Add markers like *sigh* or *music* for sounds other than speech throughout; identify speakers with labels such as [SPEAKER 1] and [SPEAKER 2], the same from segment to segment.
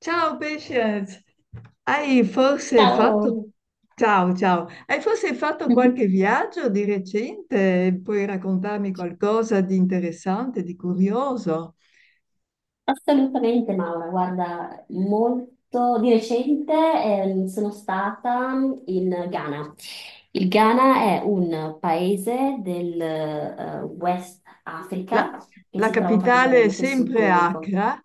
[SPEAKER 1] Ciao Patience. hai forse fatto...
[SPEAKER 2] Ciao!
[SPEAKER 1] Ciao, ciao. Hai forse fatto qualche
[SPEAKER 2] *laughs*
[SPEAKER 1] viaggio di recente? Puoi raccontarmi qualcosa di interessante, di curioso?
[SPEAKER 2] Assolutamente Maura, guarda, molto di recente sono stata in Ghana. Il Ghana è un paese del West
[SPEAKER 1] La,
[SPEAKER 2] Africa che
[SPEAKER 1] la
[SPEAKER 2] si trova
[SPEAKER 1] capitale è
[SPEAKER 2] praticamente sul
[SPEAKER 1] sempre
[SPEAKER 2] Golfo.
[SPEAKER 1] Accra?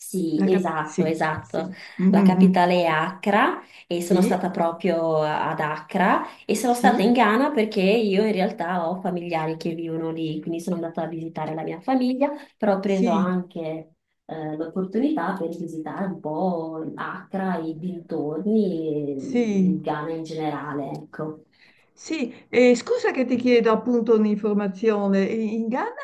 [SPEAKER 2] Sì, esatto,
[SPEAKER 1] Sì,
[SPEAKER 2] esatto.
[SPEAKER 1] sì.
[SPEAKER 2] La
[SPEAKER 1] Mhm.
[SPEAKER 2] capitale è Accra e sono
[SPEAKER 1] Sì,
[SPEAKER 2] stata proprio ad Accra e sono
[SPEAKER 1] sì,
[SPEAKER 2] stata in Ghana perché io in realtà ho familiari che vivono lì, quindi sono andata a visitare la mia famiglia, però ho preso
[SPEAKER 1] sì,
[SPEAKER 2] anche l'opportunità per visitare un po' Accra, i dintorni e il
[SPEAKER 1] sì.
[SPEAKER 2] Ghana in generale, ecco.
[SPEAKER 1] Sì, scusa che ti chiedo appunto un'informazione. In Ghana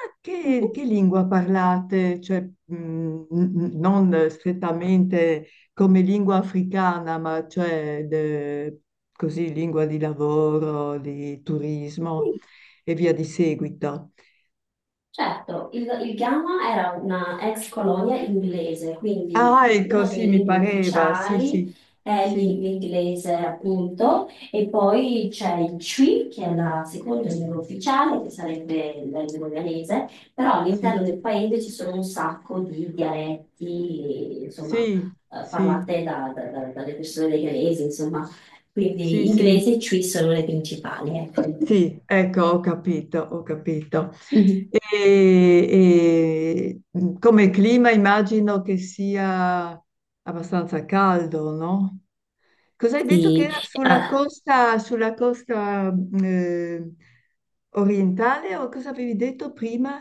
[SPEAKER 2] Mhm.
[SPEAKER 1] che lingua parlate? Cioè, non strettamente come lingua africana, ma cioè così lingua di lavoro, di turismo e via di seguito.
[SPEAKER 2] Certo, il Ghana era una ex colonia inglese,
[SPEAKER 1] Ah,
[SPEAKER 2] quindi
[SPEAKER 1] ecco,
[SPEAKER 2] una delle
[SPEAKER 1] sì, mi
[SPEAKER 2] lingue
[SPEAKER 1] pareva. Sì, sì,
[SPEAKER 2] ufficiali è
[SPEAKER 1] sì,
[SPEAKER 2] l'inglese appunto, e poi c'è il Chui, che è la seconda lingua ufficiale, che sarebbe la lingua ghanese, però
[SPEAKER 1] sì,
[SPEAKER 2] all'interno del paese ci sono un sacco di dialetti, insomma,
[SPEAKER 1] sì,
[SPEAKER 2] parlate dalle persone dei ghanesi, insomma,
[SPEAKER 1] sì, sì,
[SPEAKER 2] quindi
[SPEAKER 1] sì.
[SPEAKER 2] inglese e
[SPEAKER 1] Sì.
[SPEAKER 2] Chui sono le principali, ecco.
[SPEAKER 1] Sì, ecco, ho capito, ho capito.
[SPEAKER 2] Mhm.
[SPEAKER 1] E, e, come clima immagino che sia abbastanza caldo, no? Cos'hai detto che
[SPEAKER 2] Sì,
[SPEAKER 1] era sulla
[SPEAKER 2] ah,
[SPEAKER 1] costa, sulla costa orientale o cosa avevi detto prima?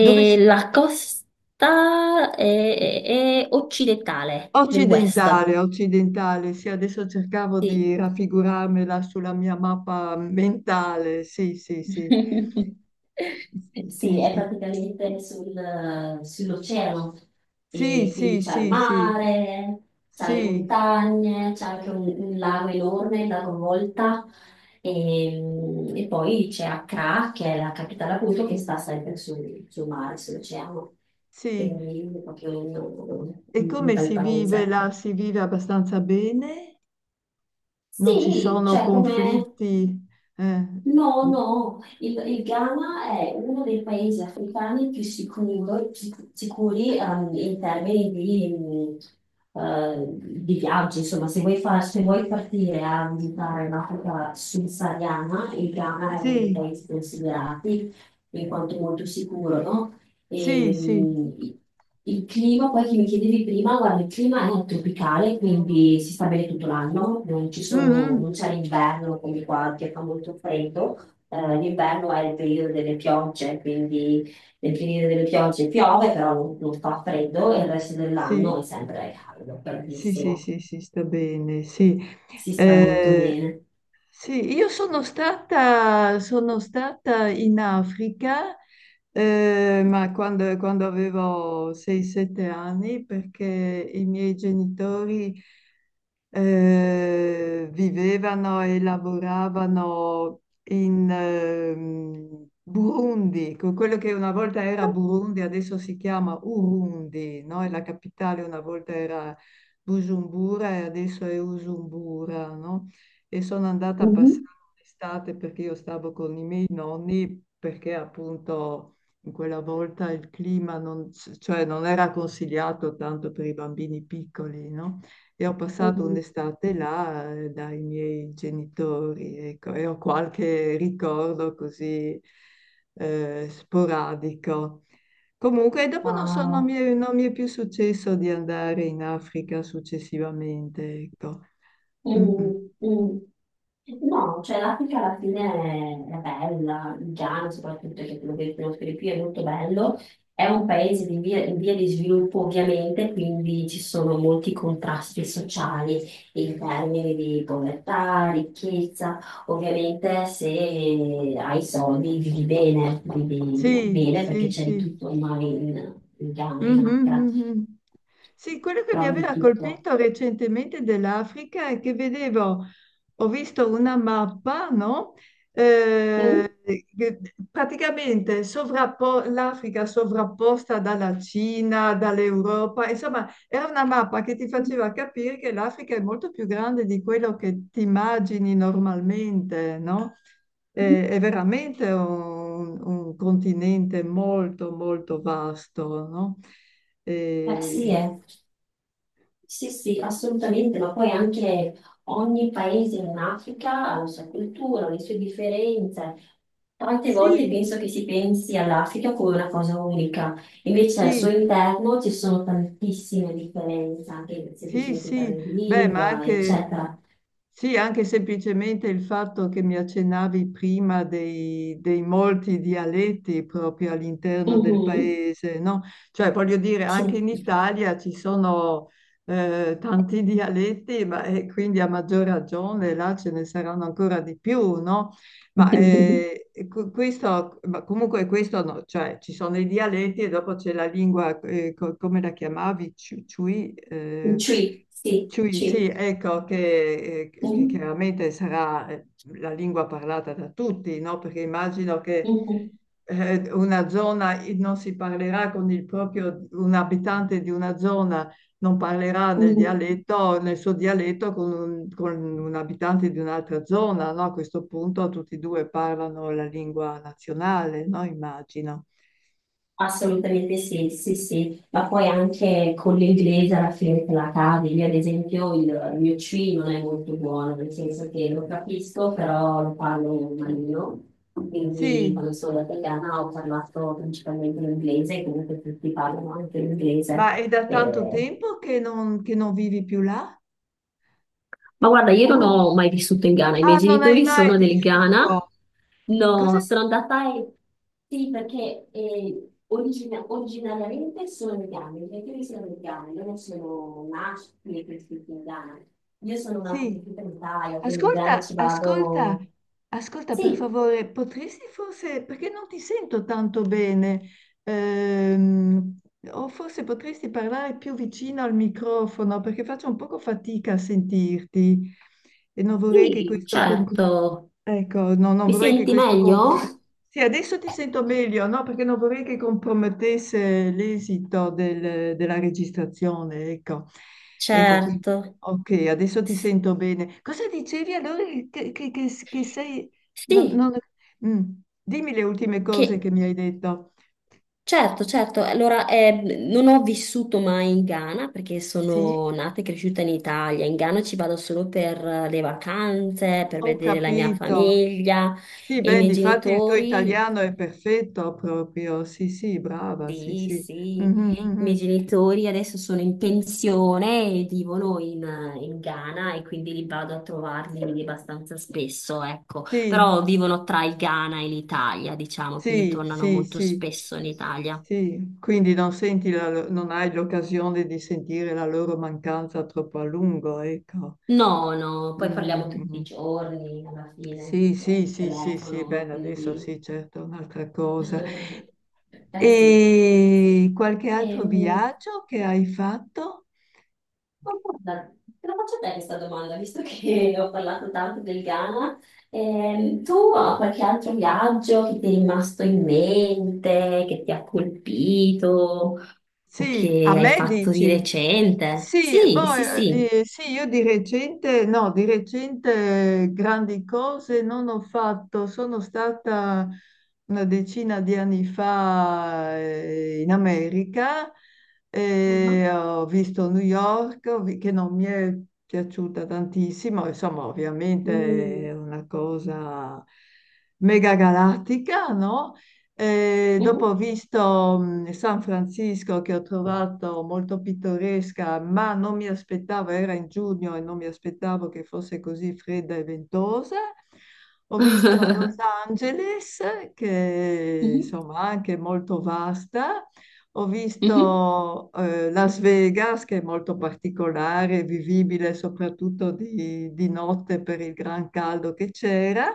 [SPEAKER 1] Dove si
[SPEAKER 2] la costa è occidentale del West.
[SPEAKER 1] Occidentale, occidentale, sì, adesso cercavo
[SPEAKER 2] Sì.
[SPEAKER 1] di raffigurarmela sulla mia mappa mentale, sì, sì, sì,
[SPEAKER 2] *laughs*
[SPEAKER 1] sì,
[SPEAKER 2] Sì, è
[SPEAKER 1] sì,
[SPEAKER 2] praticamente sull'oceano
[SPEAKER 1] sì,
[SPEAKER 2] e quindi
[SPEAKER 1] sì,
[SPEAKER 2] c'è il
[SPEAKER 1] sì, sì,
[SPEAKER 2] mare, c'è le
[SPEAKER 1] sì,
[SPEAKER 2] montagne, c'è anche un lago enorme, il lago Volta e, e poi c'è Accra che è la capitale appunto che sta sempre sul mare, sull'oceano,
[SPEAKER 1] sì.
[SPEAKER 2] quindi è proprio
[SPEAKER 1] E
[SPEAKER 2] un
[SPEAKER 1] come
[SPEAKER 2] bel
[SPEAKER 1] si
[SPEAKER 2] paese,
[SPEAKER 1] vive
[SPEAKER 2] ecco.
[SPEAKER 1] là? Si vive abbastanza bene? Non ci
[SPEAKER 2] Sì,
[SPEAKER 1] sono
[SPEAKER 2] cioè come...
[SPEAKER 1] conflitti? Eh,
[SPEAKER 2] No, no, il Ghana è uno dei paesi africani più sicuri in termini di, mm, di viaggi. Insomma, se vuoi, se vuoi partire a visitare l'Africa subsahariana, il Ghana è uno dei
[SPEAKER 1] sì,
[SPEAKER 2] paesi considerati in quanto molto sicuro, no?
[SPEAKER 1] sì,
[SPEAKER 2] E,
[SPEAKER 1] sì.
[SPEAKER 2] il clima, poi che mi chiedevi prima, guarda, il clima è tropicale, quindi si sta bene tutto l'anno, non ci sono-
[SPEAKER 1] Mhm.
[SPEAKER 2] non c'è l'inverno come qua che fa molto freddo. L'inverno è il periodo delle piogge, quindi nel periodo delle piogge piove, però non fa freddo e il resto
[SPEAKER 1] Sì,
[SPEAKER 2] dell'anno è sempre caldo,
[SPEAKER 1] sì, sì,
[SPEAKER 2] bellissimo,
[SPEAKER 1] sì, sì, sta bene, sì.
[SPEAKER 2] si sta molto
[SPEAKER 1] Eh,
[SPEAKER 2] bene.
[SPEAKER 1] sì, io sono stata in Africa, ma quando avevo 6-7 anni, perché i miei genitori vivevano e lavoravano in Burundi, con quello che una volta era Burundi, adesso si chiama Urundi, no? E la capitale una volta era Bujumbura e adesso è Usumbura, no? E sono andata a passare
[SPEAKER 2] Mhm.
[SPEAKER 1] l'estate perché io stavo con i miei nonni perché appunto in quella volta il clima non, cioè non era consigliato tanto per i bambini piccoli, no? E ho passato
[SPEAKER 2] Mm.
[SPEAKER 1] un'estate là dai miei genitori, ecco, e ho qualche ricordo così sporadico. Comunque, dopo non so, non mi
[SPEAKER 2] Wow.
[SPEAKER 1] è, non mi è più successo di andare in Africa successivamente, ecco. Mm, mm.
[SPEAKER 2] Mm, mm. No, cioè l'Africa alla fine è bella, il Ghana soprattutto che è quello che conosco di più è molto bello, è un
[SPEAKER 1] Sì.
[SPEAKER 2] paese in via di sviluppo ovviamente, quindi ci sono molti contrasti sociali in termini di povertà, ricchezza, ovviamente se hai soldi vivi
[SPEAKER 1] Sì,
[SPEAKER 2] bene perché
[SPEAKER 1] sì,
[SPEAKER 2] c'è di
[SPEAKER 1] sì.
[SPEAKER 2] tutto ormai in, in Ghana, in
[SPEAKER 1] Mhm,
[SPEAKER 2] Accra,
[SPEAKER 1] mhm. Sì, quello che mi
[SPEAKER 2] trovi di
[SPEAKER 1] aveva
[SPEAKER 2] tutto.
[SPEAKER 1] colpito recentemente dell'Africa è che vedevo, ho visto una mappa, no?
[SPEAKER 2] Mm.
[SPEAKER 1] Che praticamente l'Africa sovrapposta dalla Cina, dall'Europa, insomma, era una mappa che ti faceva capire che l'Africa è molto più grande di quello che ti immagini normalmente, no? È veramente un continente molto, molto vasto, no?
[SPEAKER 2] Sì,
[SPEAKER 1] E-
[SPEAKER 2] eh. Sì, sì, assolutamente, ma poi anche ogni paese in Africa ha la sua cultura, le sue differenze. Tante volte
[SPEAKER 1] Sì,
[SPEAKER 2] penso che si pensi all'Africa come una cosa unica, invece al
[SPEAKER 1] sì,
[SPEAKER 2] suo interno ci sono tantissime differenze, anche
[SPEAKER 1] sì,
[SPEAKER 2] semplicemente per
[SPEAKER 1] sì,
[SPEAKER 2] le
[SPEAKER 1] beh, ma
[SPEAKER 2] lingua,
[SPEAKER 1] anche,
[SPEAKER 2] eccetera.
[SPEAKER 1] sì, anche semplicemente il fatto che mi accennavi prima dei molti dialetti proprio all'interno del
[SPEAKER 2] Mhm.
[SPEAKER 1] paese, no? Cioè, voglio dire,
[SPEAKER 2] Sì.
[SPEAKER 1] anche in Italia ci sono tanti *laughs* dialetti, ma e quindi a maggior ragione là ce ne saranno ancora di più, no? Ma
[SPEAKER 2] *laughs*
[SPEAKER 1] questo, ma comunque questo no, cioè ci sono i dialetti e dopo c'è la lingua, come la chiamavi? Ciui?
[SPEAKER 2] Ci, sì,
[SPEAKER 1] Ciui, sì,
[SPEAKER 2] ci.
[SPEAKER 1] ecco, che
[SPEAKER 2] Mhm,
[SPEAKER 1] chiaramente sarà la lingua parlata da tutti, no? Perché immagino che
[SPEAKER 2] mhm,
[SPEAKER 1] una zona non si parlerà con un abitante di una zona non parlerà
[SPEAKER 2] mhm.
[SPEAKER 1] nel suo dialetto con un abitante di un'altra zona, no? A questo punto tutti e due parlano la lingua nazionale, no? Immagino.
[SPEAKER 2] Assolutamente sì, sì, sì, ma poi anche con l'inglese alla fine te la cavi. Io, ad esempio, il mio C non è molto buono, nel senso che lo capisco, però lo parlo malino. Quindi,
[SPEAKER 1] Sì,
[SPEAKER 2] quando sono italiana, ho parlato principalmente l'inglese, comunque tutti parlano anche l'inglese.
[SPEAKER 1] ma è da tanto
[SPEAKER 2] E
[SPEAKER 1] tempo che non, vivi più là?
[SPEAKER 2] ma guarda, io non ho mai vissuto in Ghana, i miei
[SPEAKER 1] Ah, non hai
[SPEAKER 2] genitori
[SPEAKER 1] mai
[SPEAKER 2] sono del
[SPEAKER 1] vissuto.
[SPEAKER 2] Ghana.
[SPEAKER 1] Cosa?
[SPEAKER 2] No, sono andata e... Sì, perché originariamente sono del Ghana, i miei genitori sono del Ghana, io non sono nata né cresciuta in Ghana. Io sono nata e
[SPEAKER 1] Sì.
[SPEAKER 2] cresciuta in Italia, quindi in Ghana
[SPEAKER 1] Ascolta,
[SPEAKER 2] ci
[SPEAKER 1] ascolta,
[SPEAKER 2] vado...
[SPEAKER 1] ascolta per
[SPEAKER 2] Sì,
[SPEAKER 1] favore, potresti forse, perché non ti sento tanto bene, ehm, o forse potresti parlare più vicino al microfono perché faccio un poco fatica a sentirti e non vorrei che
[SPEAKER 2] sì,
[SPEAKER 1] questo complicasse.
[SPEAKER 2] certo.
[SPEAKER 1] Ecco, no, non
[SPEAKER 2] Mi
[SPEAKER 1] vorrei che
[SPEAKER 2] senti
[SPEAKER 1] questo
[SPEAKER 2] meglio?
[SPEAKER 1] compromettesse. Sì, adesso ti sento meglio, no? Perché non vorrei che compromettesse l'esito della registrazione, ecco. Ecco, quindi,
[SPEAKER 2] Certo.
[SPEAKER 1] ok, adesso ti
[SPEAKER 2] S-
[SPEAKER 1] sento bene. Cosa dicevi allora che sei... non-
[SPEAKER 2] Sì,
[SPEAKER 1] non- Mm, Dimmi le ultime cose
[SPEAKER 2] che...
[SPEAKER 1] che mi hai detto.
[SPEAKER 2] Certo, certo. Allora, non ho vissuto mai in Ghana perché
[SPEAKER 1] Sì,
[SPEAKER 2] sono nata e cresciuta in Italia. In Ghana ci vado solo per le vacanze, per
[SPEAKER 1] ho
[SPEAKER 2] vedere la mia
[SPEAKER 1] capito.
[SPEAKER 2] famiglia
[SPEAKER 1] Sì,
[SPEAKER 2] e i
[SPEAKER 1] ben,
[SPEAKER 2] miei
[SPEAKER 1] difatti il tuo
[SPEAKER 2] genitori.
[SPEAKER 1] italiano è perfetto proprio. Sì, sì, brava, sì,
[SPEAKER 2] Sì,
[SPEAKER 1] sì.
[SPEAKER 2] sì, i
[SPEAKER 1] Mhm,
[SPEAKER 2] miei
[SPEAKER 1] mhm.
[SPEAKER 2] genitori adesso sono in pensione e vivono in Ghana e quindi li vado a trovarli abbastanza spesso, ecco.
[SPEAKER 1] Sì,
[SPEAKER 2] Però vivono tra il Ghana e l'Italia, diciamo, quindi
[SPEAKER 1] Sì,
[SPEAKER 2] tornano
[SPEAKER 1] sì,
[SPEAKER 2] molto
[SPEAKER 1] sì,
[SPEAKER 2] spesso in Italia.
[SPEAKER 1] sì, quindi non senti non hai l'occasione di sentire la loro mancanza troppo a lungo, ecco.
[SPEAKER 2] No, no, poi parliamo tutti i
[SPEAKER 1] Mm,
[SPEAKER 2] giorni alla fine,
[SPEAKER 1] sì, sì,
[SPEAKER 2] al
[SPEAKER 1] sì, sì, sì,
[SPEAKER 2] telefono,
[SPEAKER 1] bene, adesso
[SPEAKER 2] quindi...
[SPEAKER 1] sì, certo, è un'altra cosa.
[SPEAKER 2] *laughs* Eh sì, sì.
[SPEAKER 1] E qualche altro
[SPEAKER 2] Ehm,
[SPEAKER 1] viaggio che hai fatto?
[SPEAKER 2] ma guarda, te la faccio a te questa domanda, visto che *laughs* ho parlato tanto del Ghana. Tu hai qualche altro viaggio che ti è rimasto in mente, che ti ha colpito o
[SPEAKER 1] Sì,
[SPEAKER 2] che
[SPEAKER 1] a
[SPEAKER 2] hai
[SPEAKER 1] me
[SPEAKER 2] fatto di
[SPEAKER 1] dici?
[SPEAKER 2] recente?
[SPEAKER 1] Sì,
[SPEAKER 2] Sì,
[SPEAKER 1] boh,
[SPEAKER 2] sì, sì.
[SPEAKER 1] sì, io di recente, no, di recente grandi cose non ho fatto, sono stata una decina di anni fa in America
[SPEAKER 2] Mhm.
[SPEAKER 1] e ho visto New York, che non mi è piaciuta tantissimo, insomma, ovviamente è
[SPEAKER 2] Mm.
[SPEAKER 1] una cosa mega galattica, no? E dopo
[SPEAKER 2] Mhm.
[SPEAKER 1] ho visto San Francisco che ho trovato molto pittoresca, ma non mi aspettavo, era in giugno e non mi aspettavo che fosse così fredda e ventosa. Ho visto Los
[SPEAKER 2] *laughs*
[SPEAKER 1] Angeles, che
[SPEAKER 2] Mhm.
[SPEAKER 1] insomma anche molto vasta, ho
[SPEAKER 2] Mhm.
[SPEAKER 1] visto Las Vegas, che è molto particolare, vivibile soprattutto di notte per il gran caldo che c'era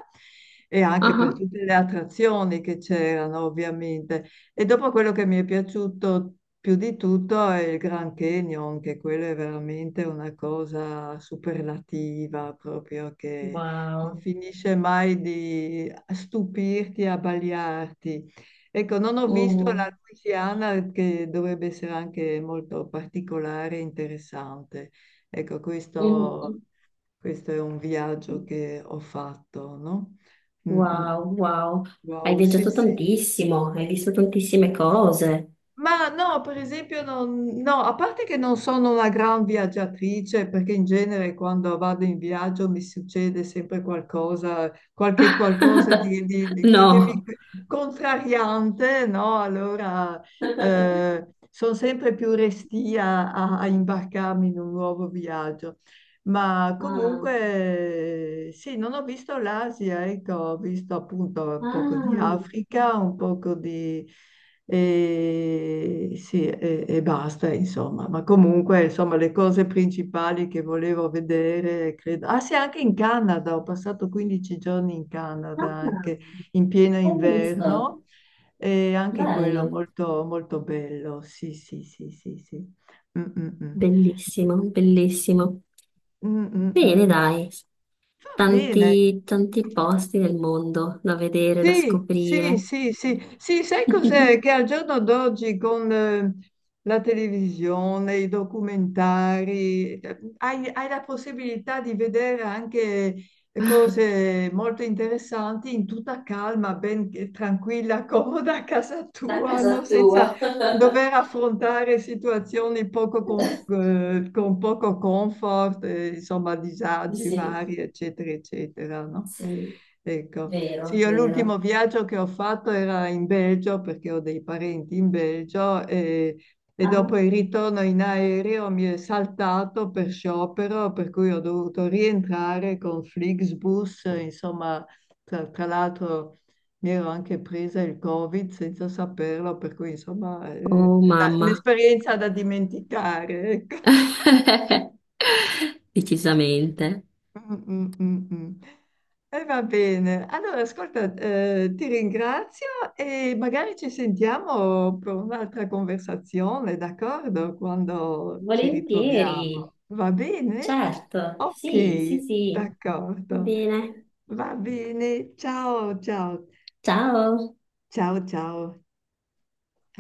[SPEAKER 1] e anche per
[SPEAKER 2] Ajá.
[SPEAKER 1] tutte le attrazioni che c'erano, ovviamente. E dopo quello che mi è piaciuto più di tutto è il Grand Canyon, che quello è veramente una cosa superlativa, proprio che non
[SPEAKER 2] Wow.
[SPEAKER 1] finisce mai di stupirti, abbagliarti. Ecco, non ho visto
[SPEAKER 2] Uh,
[SPEAKER 1] la Louisiana che dovrebbe essere anche molto particolare e interessante. Ecco,
[SPEAKER 2] uh,
[SPEAKER 1] questo,
[SPEAKER 2] uh.
[SPEAKER 1] questo è un viaggio che ho fatto, no? Mm, mm.
[SPEAKER 2] Wow, wow. Hai
[SPEAKER 1] Wow, sì,
[SPEAKER 2] viaggiato
[SPEAKER 1] sì.
[SPEAKER 2] tantissimo, hai visto tantissime cose.
[SPEAKER 1] Ma no, per esempio, no, a parte che non sono una gran viaggiatrice, perché in genere quando vado in viaggio mi succede sempre qualcosa, qualche qualcosa
[SPEAKER 2] *laughs*
[SPEAKER 1] che
[SPEAKER 2] No.
[SPEAKER 1] mi contrariante, no? Allora sono sempre più restia a imbarcarmi in un nuovo viaggio. Ma
[SPEAKER 2] Ah,
[SPEAKER 1] comunque sì, non ho visto l'Asia, ecco, ho visto appunto un poco di
[SPEAKER 2] ah,
[SPEAKER 1] Africa, un poco di e, sì, e basta, insomma. Ma comunque, insomma, le cose principali che volevo vedere, credo... Ah sì, anche in Canada, ho passato 15 giorni in Canada,
[SPEAKER 2] ah,
[SPEAKER 1] anche in pieno
[SPEAKER 2] hai visto?
[SPEAKER 1] inverno, e anche quello
[SPEAKER 2] Bello.
[SPEAKER 1] molto, molto bello, sì, sì, sì, sì, sì. Mm, mm, mm.
[SPEAKER 2] Bellissimo, bellissimo.
[SPEAKER 1] Mm, mm, mm,
[SPEAKER 2] Bene,
[SPEAKER 1] mm.
[SPEAKER 2] dai.
[SPEAKER 1] Va bene.
[SPEAKER 2] Tanti, tanti posti nel mondo da vedere, da
[SPEAKER 1] Sì, sì,
[SPEAKER 2] scoprire.
[SPEAKER 1] sì, sì, sì, sai cos'è? Che
[SPEAKER 2] *laughs*
[SPEAKER 1] al giorno d'oggi con la televisione, i documentari, hai la possibilità di vedere anche cose molto interessanti in tutta calma, ben tranquilla, *laughs* comoda a casa
[SPEAKER 2] Da
[SPEAKER 1] tua,
[SPEAKER 2] casa
[SPEAKER 1] no?
[SPEAKER 2] tua.
[SPEAKER 1] Senza dover
[SPEAKER 2] *laughs*
[SPEAKER 1] affrontare situazioni poco con poco comfort, insomma, disagi
[SPEAKER 2] Sì,
[SPEAKER 1] vari, eccetera, eccetera, no?
[SPEAKER 2] sì,
[SPEAKER 1] Ecco. Sì,
[SPEAKER 2] vero,
[SPEAKER 1] io l'ultimo
[SPEAKER 2] vero.
[SPEAKER 1] viaggio che ho fatto era in Belgio perché ho dei parenti in Belgio e dopo
[SPEAKER 2] Ah.
[SPEAKER 1] il ritorno in aereo mi è saltato per sciopero, per cui ho dovuto rientrare con Flixbus, insomma, tra l'altro mi ero anche presa il Covid senza saperlo, per cui insomma
[SPEAKER 2] Oh
[SPEAKER 1] è
[SPEAKER 2] mamma,
[SPEAKER 1] un'esperienza da dimenticare. Ecco.
[SPEAKER 2] *laughs* decisamente.
[SPEAKER 1] Mm, mm, mm, mm. E va bene. Allora, ascolta, ti ringrazio e magari ci sentiamo per un'altra conversazione, d'accordo? Quando ci
[SPEAKER 2] Volentieri,
[SPEAKER 1] ritroviamo. Va bene?
[SPEAKER 2] certo, sì, sì,
[SPEAKER 1] Ok,
[SPEAKER 2] sì, va
[SPEAKER 1] d'accordo.
[SPEAKER 2] bene.
[SPEAKER 1] Va bene. Ciao, ciao.
[SPEAKER 2] Ciao.
[SPEAKER 1] Ciao, ciao.